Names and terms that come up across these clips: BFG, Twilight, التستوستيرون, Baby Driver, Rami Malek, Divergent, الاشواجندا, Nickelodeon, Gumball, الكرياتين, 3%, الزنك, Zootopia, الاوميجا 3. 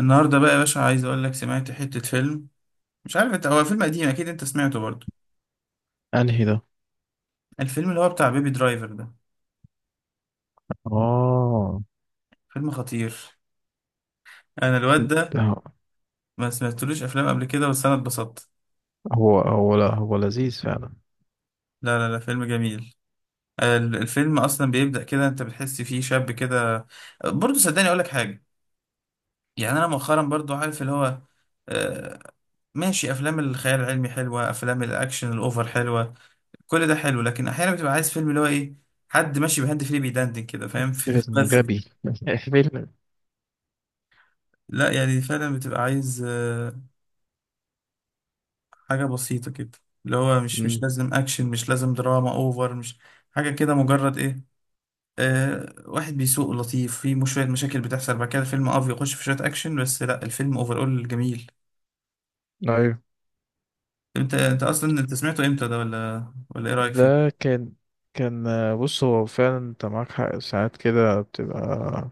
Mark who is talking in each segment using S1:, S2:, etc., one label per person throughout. S1: النهارده بقى يا باشا عايز اقول لك سمعت حتة فيلم. مش عارف انت، هو فيلم قديم اكيد انت سمعته برضه،
S2: انهي ده؟
S1: الفيلم اللي هو بتاع بيبي درايفر ده.
S2: اه،
S1: فيلم خطير. انا الواد ده
S2: ده
S1: ما سمعتلوش افلام قبل كده بس انا اتبسطت.
S2: هو لا هو لذيذ فعلا.
S1: لا لا لا فيلم جميل. الفيلم اصلا بيبدأ كده، انت بتحس فيه شاب كده. برضه صدقني اقول لك حاجة، يعني انا مؤخرا برضه عارف اللي هو آه، ماشي، افلام الخيال العلمي حلوة، افلام الاكشن الاوفر حلوة، كل ده حلو، لكن احيانا بتبقى عايز فيلم اللي هو ايه، حد ماشي بهاند فري بيدندن كده، فاهم؟ فيلم بس.
S2: غبي. فيلم.
S1: لا يعني فعلا بتبقى عايز حاجة بسيطة كده، اللي هو مش
S2: أمم،
S1: لازم أكشن، مش لازم دراما أوفر، مش حاجة كده، مجرد إيه، آه، واحد بيسوق لطيف، في مش شوية مشاكل بتحصل بعد كده الفيلم أه بيخش في شوية أكشن، بس لا الفيلم أول جميل.
S2: ايوه.
S1: أنت أصلا أنت سمعته إمتى ده؟ ولا إيه رأيك فيه؟
S2: ده كان بص، هو فعلا انت معاك حق. ساعات كده بتبقى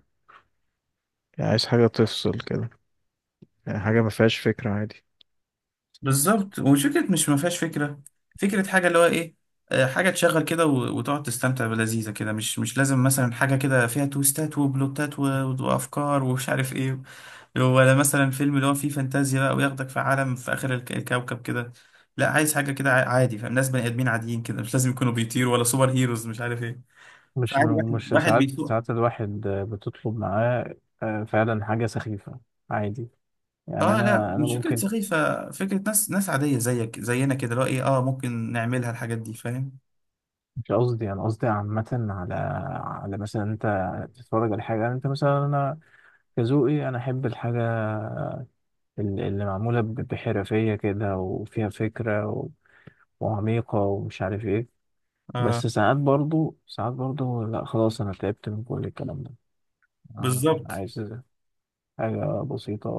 S2: يعني عايز حاجة تفصل كده، يعني حاجة ما فيهاش فكرة، عادي.
S1: بالظبط، وفكرة مش ما فيهاش فكرة، فكرة حاجة اللي هو إيه، حاجة تشغل كده وتقعد تستمتع بلذيذة كده، مش لازم مثلا حاجة كده فيها تويستات وبلوتات وأفكار ومش عارف إيه. ولا مثلا فيلم اللي هو فيه فانتازيا بقى وياخدك في عالم في آخر الكوكب كده. لا عايز حاجة كده عادي، فاهم، ناس بني آدمين عاديين كده، مش لازم يكونوا بيطيروا ولا سوبر هيروز مش عارف ايه.
S2: مش
S1: فعادي واحد
S2: مش
S1: واحد
S2: ساعات
S1: بيسوق.
S2: ساعات الواحد بتطلب معاه، فعلا حاجة سخيفة، عادي، يعني
S1: اه لا
S2: أنا
S1: مش فكرة
S2: ممكن.
S1: سخيفة، فكرة ناس عادية زيك زينا كده اللي هو ايه، اه ممكن نعملها الحاجات دي، فاهم؟
S2: مش قصدي، أنا قصدي عامة، على مثلا أنت تتفرج على حاجة، يعني أنت مثلا. أنا كذوقي انا احب الحاجه اللي معموله بحرفيه كده وفيها فكره وعميقه ومش عارف ايه.
S1: اه.
S2: بس ساعات برضو، ساعات برضو، لا، خلاص انا تعبت من كل الكلام ده. أنا
S1: بالظبط.
S2: عايز حاجه بسيطه،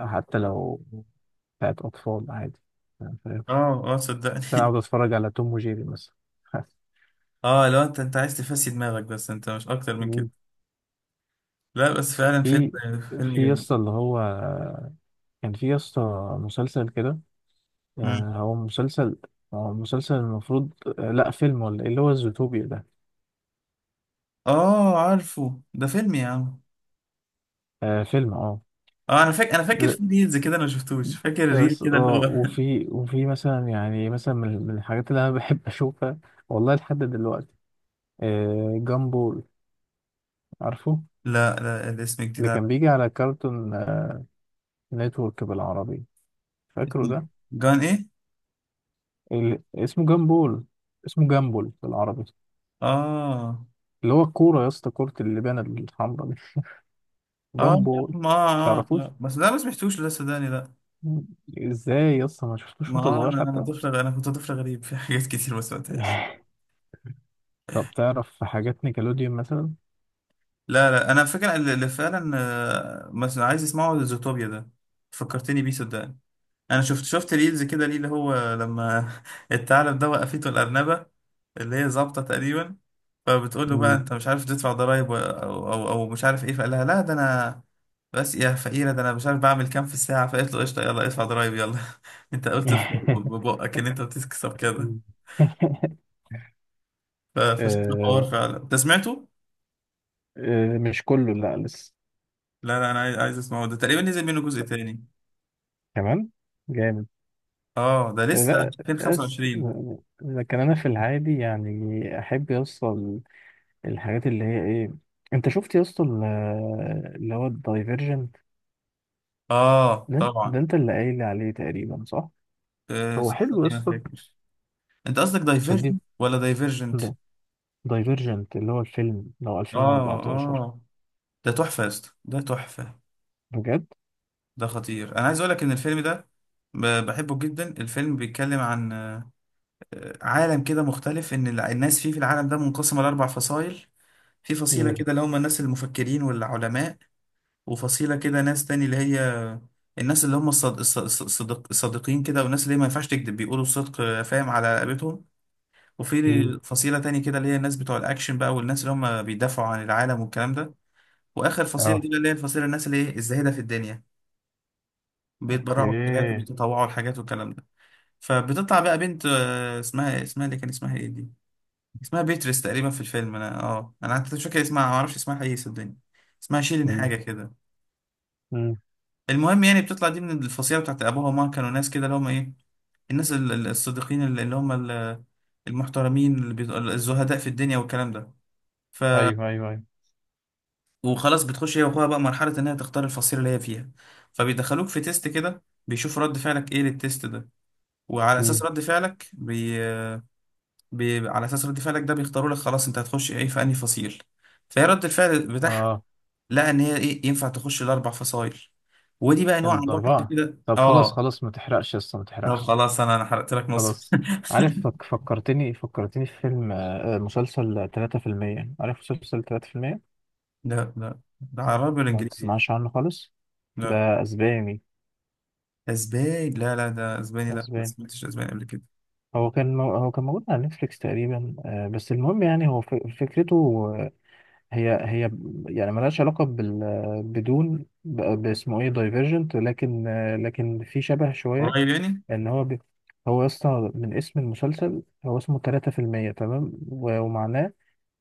S2: حتى لو بتاعت اطفال، عادي، أنا فاهم.
S1: اه اه
S2: انا
S1: صدقني.
S2: اقعد اتفرج على توم وجيري مثلا.
S1: اه لو انت، انت عايز تفسي دماغك بس، انت مش اكتر من كده.
S2: مم.
S1: لا بس فعلا فيلم،
S2: في
S1: فيلم
S2: في
S1: جميل.
S2: يسطا، اللي هو كان في يسطا مسلسل كده.
S1: مم.
S2: هو مسلسل، المفروض. لا فيلم ولا ايه، اللي هو الزوتوبيا ده؟
S1: اه عارفه ده فيلم يا عم.
S2: آه فيلم، اه.
S1: اه انا فاكر، انا فاكر
S2: ده
S1: في ريلز كده، انا ما شفتوش، فاكر ريل كده اللي هو
S2: وفي مثلا، يعني مثلا، من الحاجات اللي انا بحب اشوفها، والله لحد دلوقتي، جامبول. عارفه؟
S1: لا لا الاسم جديد
S2: اللي كان
S1: عليا.
S2: بيجي على كارتون نتورك بالعربي، فاكره ده؟
S1: جان ايه؟
S2: اسمه جامبول، اسمه جامبول بالعربي.
S1: اه
S2: اللي هو الكورة يا اسطى، كرة اللبانة الحمراء دي.
S1: اه يا
S2: جامبول.
S1: عم، اه اه
S2: تعرفوش؟
S1: لا بس ده ما سمعتوش، لا صدقني لا.
S2: ازاي يا اسطى ما شفتوش
S1: ما
S2: وانت
S1: آه
S2: صغير
S1: انا، انا
S2: حتى؟
S1: طفل انا كنت طفل غريب في حاجات كتير ما سمعتهاش.
S2: طب تعرف حاجات نيكلوديون مثلا؟
S1: لا لا انا فاكر اللي فعلا مثلا عايز اسمعه زوتوبيا ده، فكرتني بيه صدقني. انا شفت ريلز كده ليه اللي هو لما الثعلب ده وقفته الارنبه اللي هي ظابطه تقريبا، فبتقول له بقى
S2: مم.
S1: انت مش عارف تدفع ضرايب او مش عارف ايه، فقال لها لا ده انا بس يا فقيره، ده انا مش عارف بعمل كام في الساعه، فقالت له قشطه يلا ادفع ضرايب يلا. انت قلت ببقك ان انت بتكسب كده.
S2: مم.
S1: فشكله حوار
S2: آه
S1: فعلا، انت سمعته؟
S2: آه، مش كله، لا لسه.
S1: لا لا انا عايز، عايز اسمعه، ده تقريبا نزل منه جزء تاني.
S2: كمان جامد.
S1: اه ده لسه
S2: لا بس.
S1: 2025.
S2: لكن انا في العادي يعني احب يوصل الحاجات اللي هي ايه. انت شفت يا اسطى اللي هو الدايفرجنت؟
S1: اه
S2: ده
S1: طبعا.
S2: انت اللي قايل عليه تقريبا، صح؟
S1: أه
S2: هو حلو يا
S1: صدقني ما
S2: اسطى،
S1: فاكر. انت قصدك
S2: عشان دي
S1: دايفيرجنت ولا دايفيرجنت؟
S2: دايفرجنت اللي هو الفيلم لو
S1: اه
S2: 2014.
S1: اه. ده تحفه يا اسطى، ده تحفه.
S2: بجد.
S1: ده خطير، انا عايز اقول لك ان الفيلم ده بحبه جدا. الفيلم بيتكلم عن عالم كده مختلف، ان الناس فيه في العالم ده منقسمه لاربع فصائل. في فصيله
S2: مم.
S1: كده اللي هم الناس المفكرين والعلماء، وفصيله كده ناس تاني اللي هي الناس اللي هم الصد... الص- الص- الصدق... الصادقين كده، والناس اللي ما ينفعش تكذب، بيقولوا الصدق فاهم، على رقبتهم.
S2: مم.
S1: وفي فصيلة تاني كده اللي هي الناس بتوع الأكشن بقى، والناس اللي هم بيدافعوا عن العالم والكلام ده. واخر فصيله دي
S2: اه.
S1: بقى اللي هي الفصيله الناس اللي ايه الزاهده في الدنيا، بيتبرعوا بحاجات
S2: اوكي.
S1: وبيتطوعوا لحاجات والكلام ده. فبتطلع بقى بنت اسمها اللي كان اسمها ايه دي، اسمها بيتريس تقريبا في الفيلم، انا اه انا حتى مش فاكر اسمها، ما اعرفش اسمها ايه صدقني، اسمها شيرين
S2: مم.
S1: حاجه كده.
S2: مم.
S1: المهم يعني بتطلع دي من الفصيله بتاعت ابوها وماما، كانوا ناس كده اللي هم ايه، الناس الصادقين اللي هم المحترمين اللي الزهداء في الدنيا والكلام ده.
S2: ايوه، ايوه، ايوه.
S1: وخلاص بتخش هي واخوها بقى مرحلة إن هي تختار الفصيلة اللي هي فيها، فبيدخلوك في تيست كده بيشوفوا رد فعلك إيه للتيست ده، وعلى أساس
S2: مم.
S1: رد فعلك على أساس رد فعلك ده بيختاروا لك خلاص أنت هتخش إيه في أنهي فصيل. فهي رد الفعل بتاعها
S2: اه
S1: لقى إن هي إيه ينفع تخش الأربع فصايل، ودي بقى نوع عندهم حاجة
S2: الاربعه.
S1: كده
S2: طب خلاص
S1: آه.
S2: خلاص، ما تحرقش يا اسطى، ما
S1: طب
S2: تحرقش.
S1: خلاص أنا، أنا حرقت لك نص.
S2: خلاص. عارف، فكرتني في فيلم، مسلسل 3%. عارف مسلسل 3%؟
S1: لا لا ده عربي ولا
S2: ما
S1: إنجليزي يعني؟
S2: تسمعش عنه خالص.
S1: لا
S2: ده اسباني،
S1: أسباني، لا لا ده أسباني، لا ما
S2: اسباني.
S1: سمعتش أسباني قبل كده.
S2: هو كان موجود على نتفليكس تقريبا. بس المهم، يعني هو فكرته هي يعني ملهاش علاقة بال بدون، باسمه ايه، دايفرجنت، لكن في شبه شوية،
S1: قريب يعني.
S2: ان هو هو اصلا من اسم المسلسل. هو اسمه 3%، تمام، ومعناه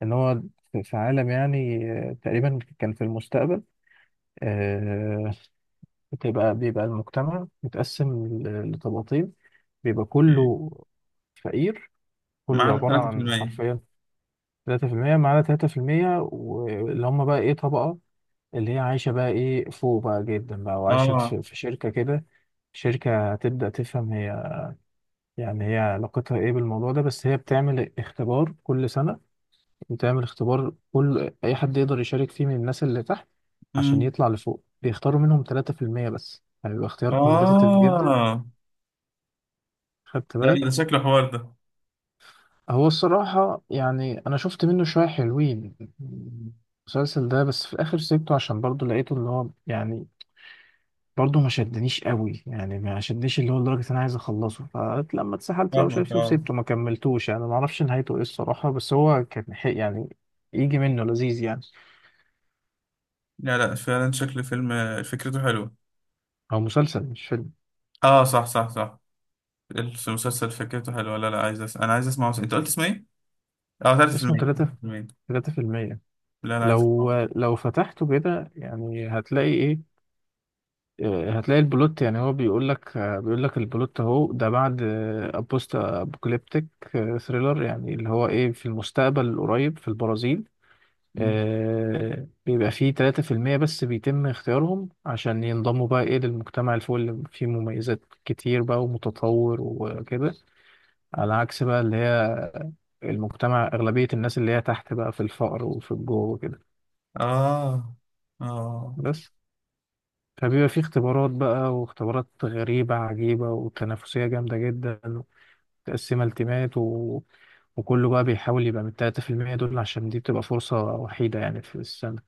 S2: ان هو في عالم يعني تقريبا كان في المستقبل، آه، بيبقى المجتمع متقسم لطبقتين، بيبقى كله فقير،
S1: ما
S2: كله
S1: عدا
S2: عبارة عن
S1: 3%.
S2: حرفيا 3%. معانا 3% واللي هم بقى إيه، طبقة اللي هي عايشة بقى إيه فوق بقى جدا بقى وعايشة
S1: اه.
S2: في شركة كده. شركة تبدأ تفهم هي يعني هي علاقتها إيه بالموضوع ده، بس هي بتعمل اختبار كل أي حد يقدر يشارك فيه، من الناس اللي تحت، عشان
S1: امم.
S2: يطلع لفوق. بيختاروا منهم 3% بس، هيبقى اختيار كومبيتيتيف جدا.
S1: اه
S2: خدت
S1: لا ده
S2: بالك؟
S1: شكله حوار ده.
S2: هو الصراحة يعني أنا شفت منه شوية حلوين، المسلسل ده، بس في الآخر سيبته، عشان برضه لقيته اللي هو، يعني برضه ما شدنيش قوي، يعني ما شدنيش اللي هو لدرجة انا عايز اخلصه. فلما اتسحلت بقى
S1: فاهمك
S2: وشايف
S1: اه.
S2: وسبته، ما كملتوش، يعني ما اعرفش نهايته ايه الصراحة، بس هو كان حق يعني، يجي منه لذيذ يعني.
S1: لا لا فعلا شكل فيلم فكرته حلوه.
S2: هو مسلسل مش فيلم.
S1: اه صح صح صح. المسلسل فكرته حلوه، لا لا عايز انا عايز اسمعه، انت قلت اسمه ايه؟ اه
S2: اسمه
S1: 3%،
S2: تلاتة،
S1: 3%.
S2: 3%.
S1: لا لا عايز اسمعه.
S2: لو فتحته كده يعني هتلاقي ايه، هتلاقي البلوت. يعني هو بيقول لك، بيقول لك البلوت اهو ده، بعد، بوست ابوكاليبتيك ثريلر، يعني اللي هو ايه، في المستقبل القريب في البرازيل.
S1: مم.
S2: بيبقى فيه 3% بس بيتم اختيارهم عشان ينضموا بقى ايه للمجتمع اللي فوق، اللي فيه مميزات كتير بقى ومتطور وكده. على عكس بقى اللي هي المجتمع، أغلبية الناس اللي هي تحت بقى في الفقر وفي الجوع وكده.
S1: اه اه.
S2: بس فبيبقى فيه اختبارات بقى، واختبارات غريبة عجيبة وتنافسية جامدة جدا، ومتقسمة التيمات وكله بقى بيحاول يبقى من 3% دول، عشان دي بتبقى فرصة وحيدة يعني في السنة.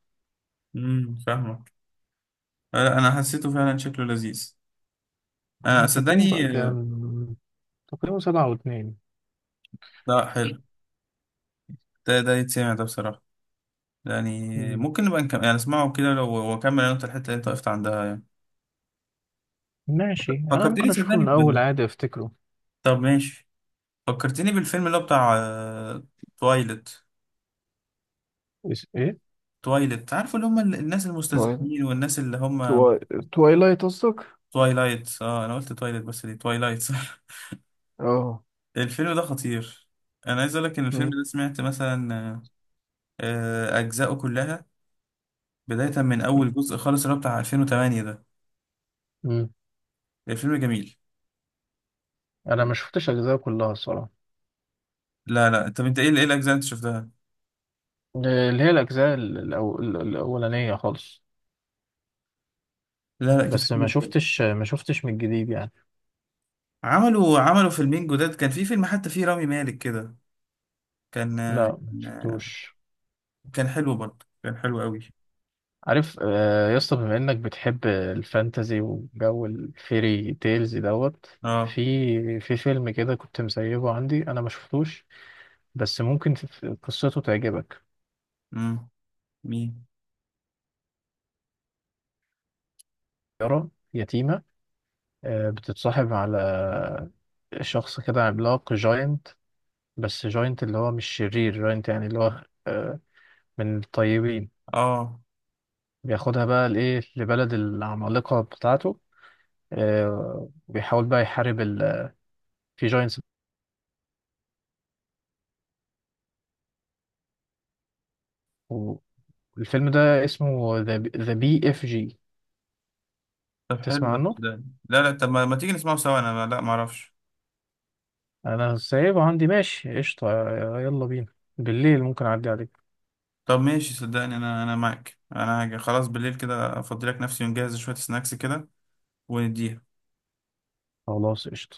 S1: فاهمك. لا انا حسيته فعلا شكله لذيذ، انا
S2: تقييمه
S1: صدقني
S2: بقى
S1: آه،.
S2: كام؟ تقييمه 7.2.
S1: لا حلو. ده ده يتسمع ده بصراحه، يعني
S2: مم.
S1: ممكن نبقى نكمل يعني اسمعه كده لو واكمل انا، انت الحته اللي انت وقفت عندها يعني.
S2: ماشي، أنا ممكن
S1: فكرتني
S2: أشوفه من
S1: صدقني
S2: الأول عادي، أفتكره.
S1: طب ماشي. فكرتني بالفيلم اللي هو بتاع تويلت.
S2: إس إيه؟
S1: تويلت، عارف اللي هم الناس
S2: توايلايت.
S1: المستذئبين والناس اللي هم
S2: تواي... توايلايت قصدك؟
S1: تويلايت اه انا قلت تويلت بس دي تويلايت صح.
S2: اه.
S1: الفيلم ده خطير، انا عايز اقول لك ان الفيلم
S2: مم.
S1: ده سمعت مثلا اجزائه كلها، بدايه من اول جزء خالص اللي هو بتاع 2008 ده.
S2: مم.
S1: الفيلم جميل.
S2: أنا ما شفتش أجزاء كلها الصراحة،
S1: لا لا طب انت ايه، ايه الاجزاء اللي انت شفتها؟
S2: اللي هي الأجزاء الأولانية خالص.
S1: لا لا كانت
S2: بس
S1: حلوه.
S2: ما شفتش من الجديد يعني.
S1: عملوا، عملوا فيلمين جداد، كان في فيلم حتى فيه رامي مالك كده، كان
S2: لا ما شفتوش.
S1: كان حلو برضه، كان حلو قوي.
S2: عارف يا اسطى، بما إنك بتحب الفانتازي وجو الفيري تيلز دوت،
S1: اه.
S2: في في فيلم كده كنت مسيبه عندي، أنا ما شفتوش، بس ممكن في قصته تعجبك.
S1: امم. مين؟
S2: يارا يتيمة، بتتصاحب على شخص كده عملاق، جاينت، بس جاينت اللي هو مش شرير، جاينت يعني اللي هو، من الطيبين.
S1: اه
S2: بياخدها بقى لإيه، لبلد العمالقة بتاعته، وبيحاول بقى يحارب في جاينتس. والفيلم ده اسمه ذا بي اف جي.
S1: طب حلو
S2: تسمع
S1: ده
S2: عنه؟
S1: صدقني، لا لا طب ما, ما تيجي نسمعه سوا، انا لا ما اعرفش.
S2: أنا سايبه عندي، ماشي قشطة. يلا بينا بالليل، ممكن أعدي عليك.
S1: طب ماشي صدقني انا، انا معاك، انا هاجي خلاص بالليل كده افضي لك نفسي، ونجهز شوية سناكس كده ونديها.
S2: خلاص قشطة.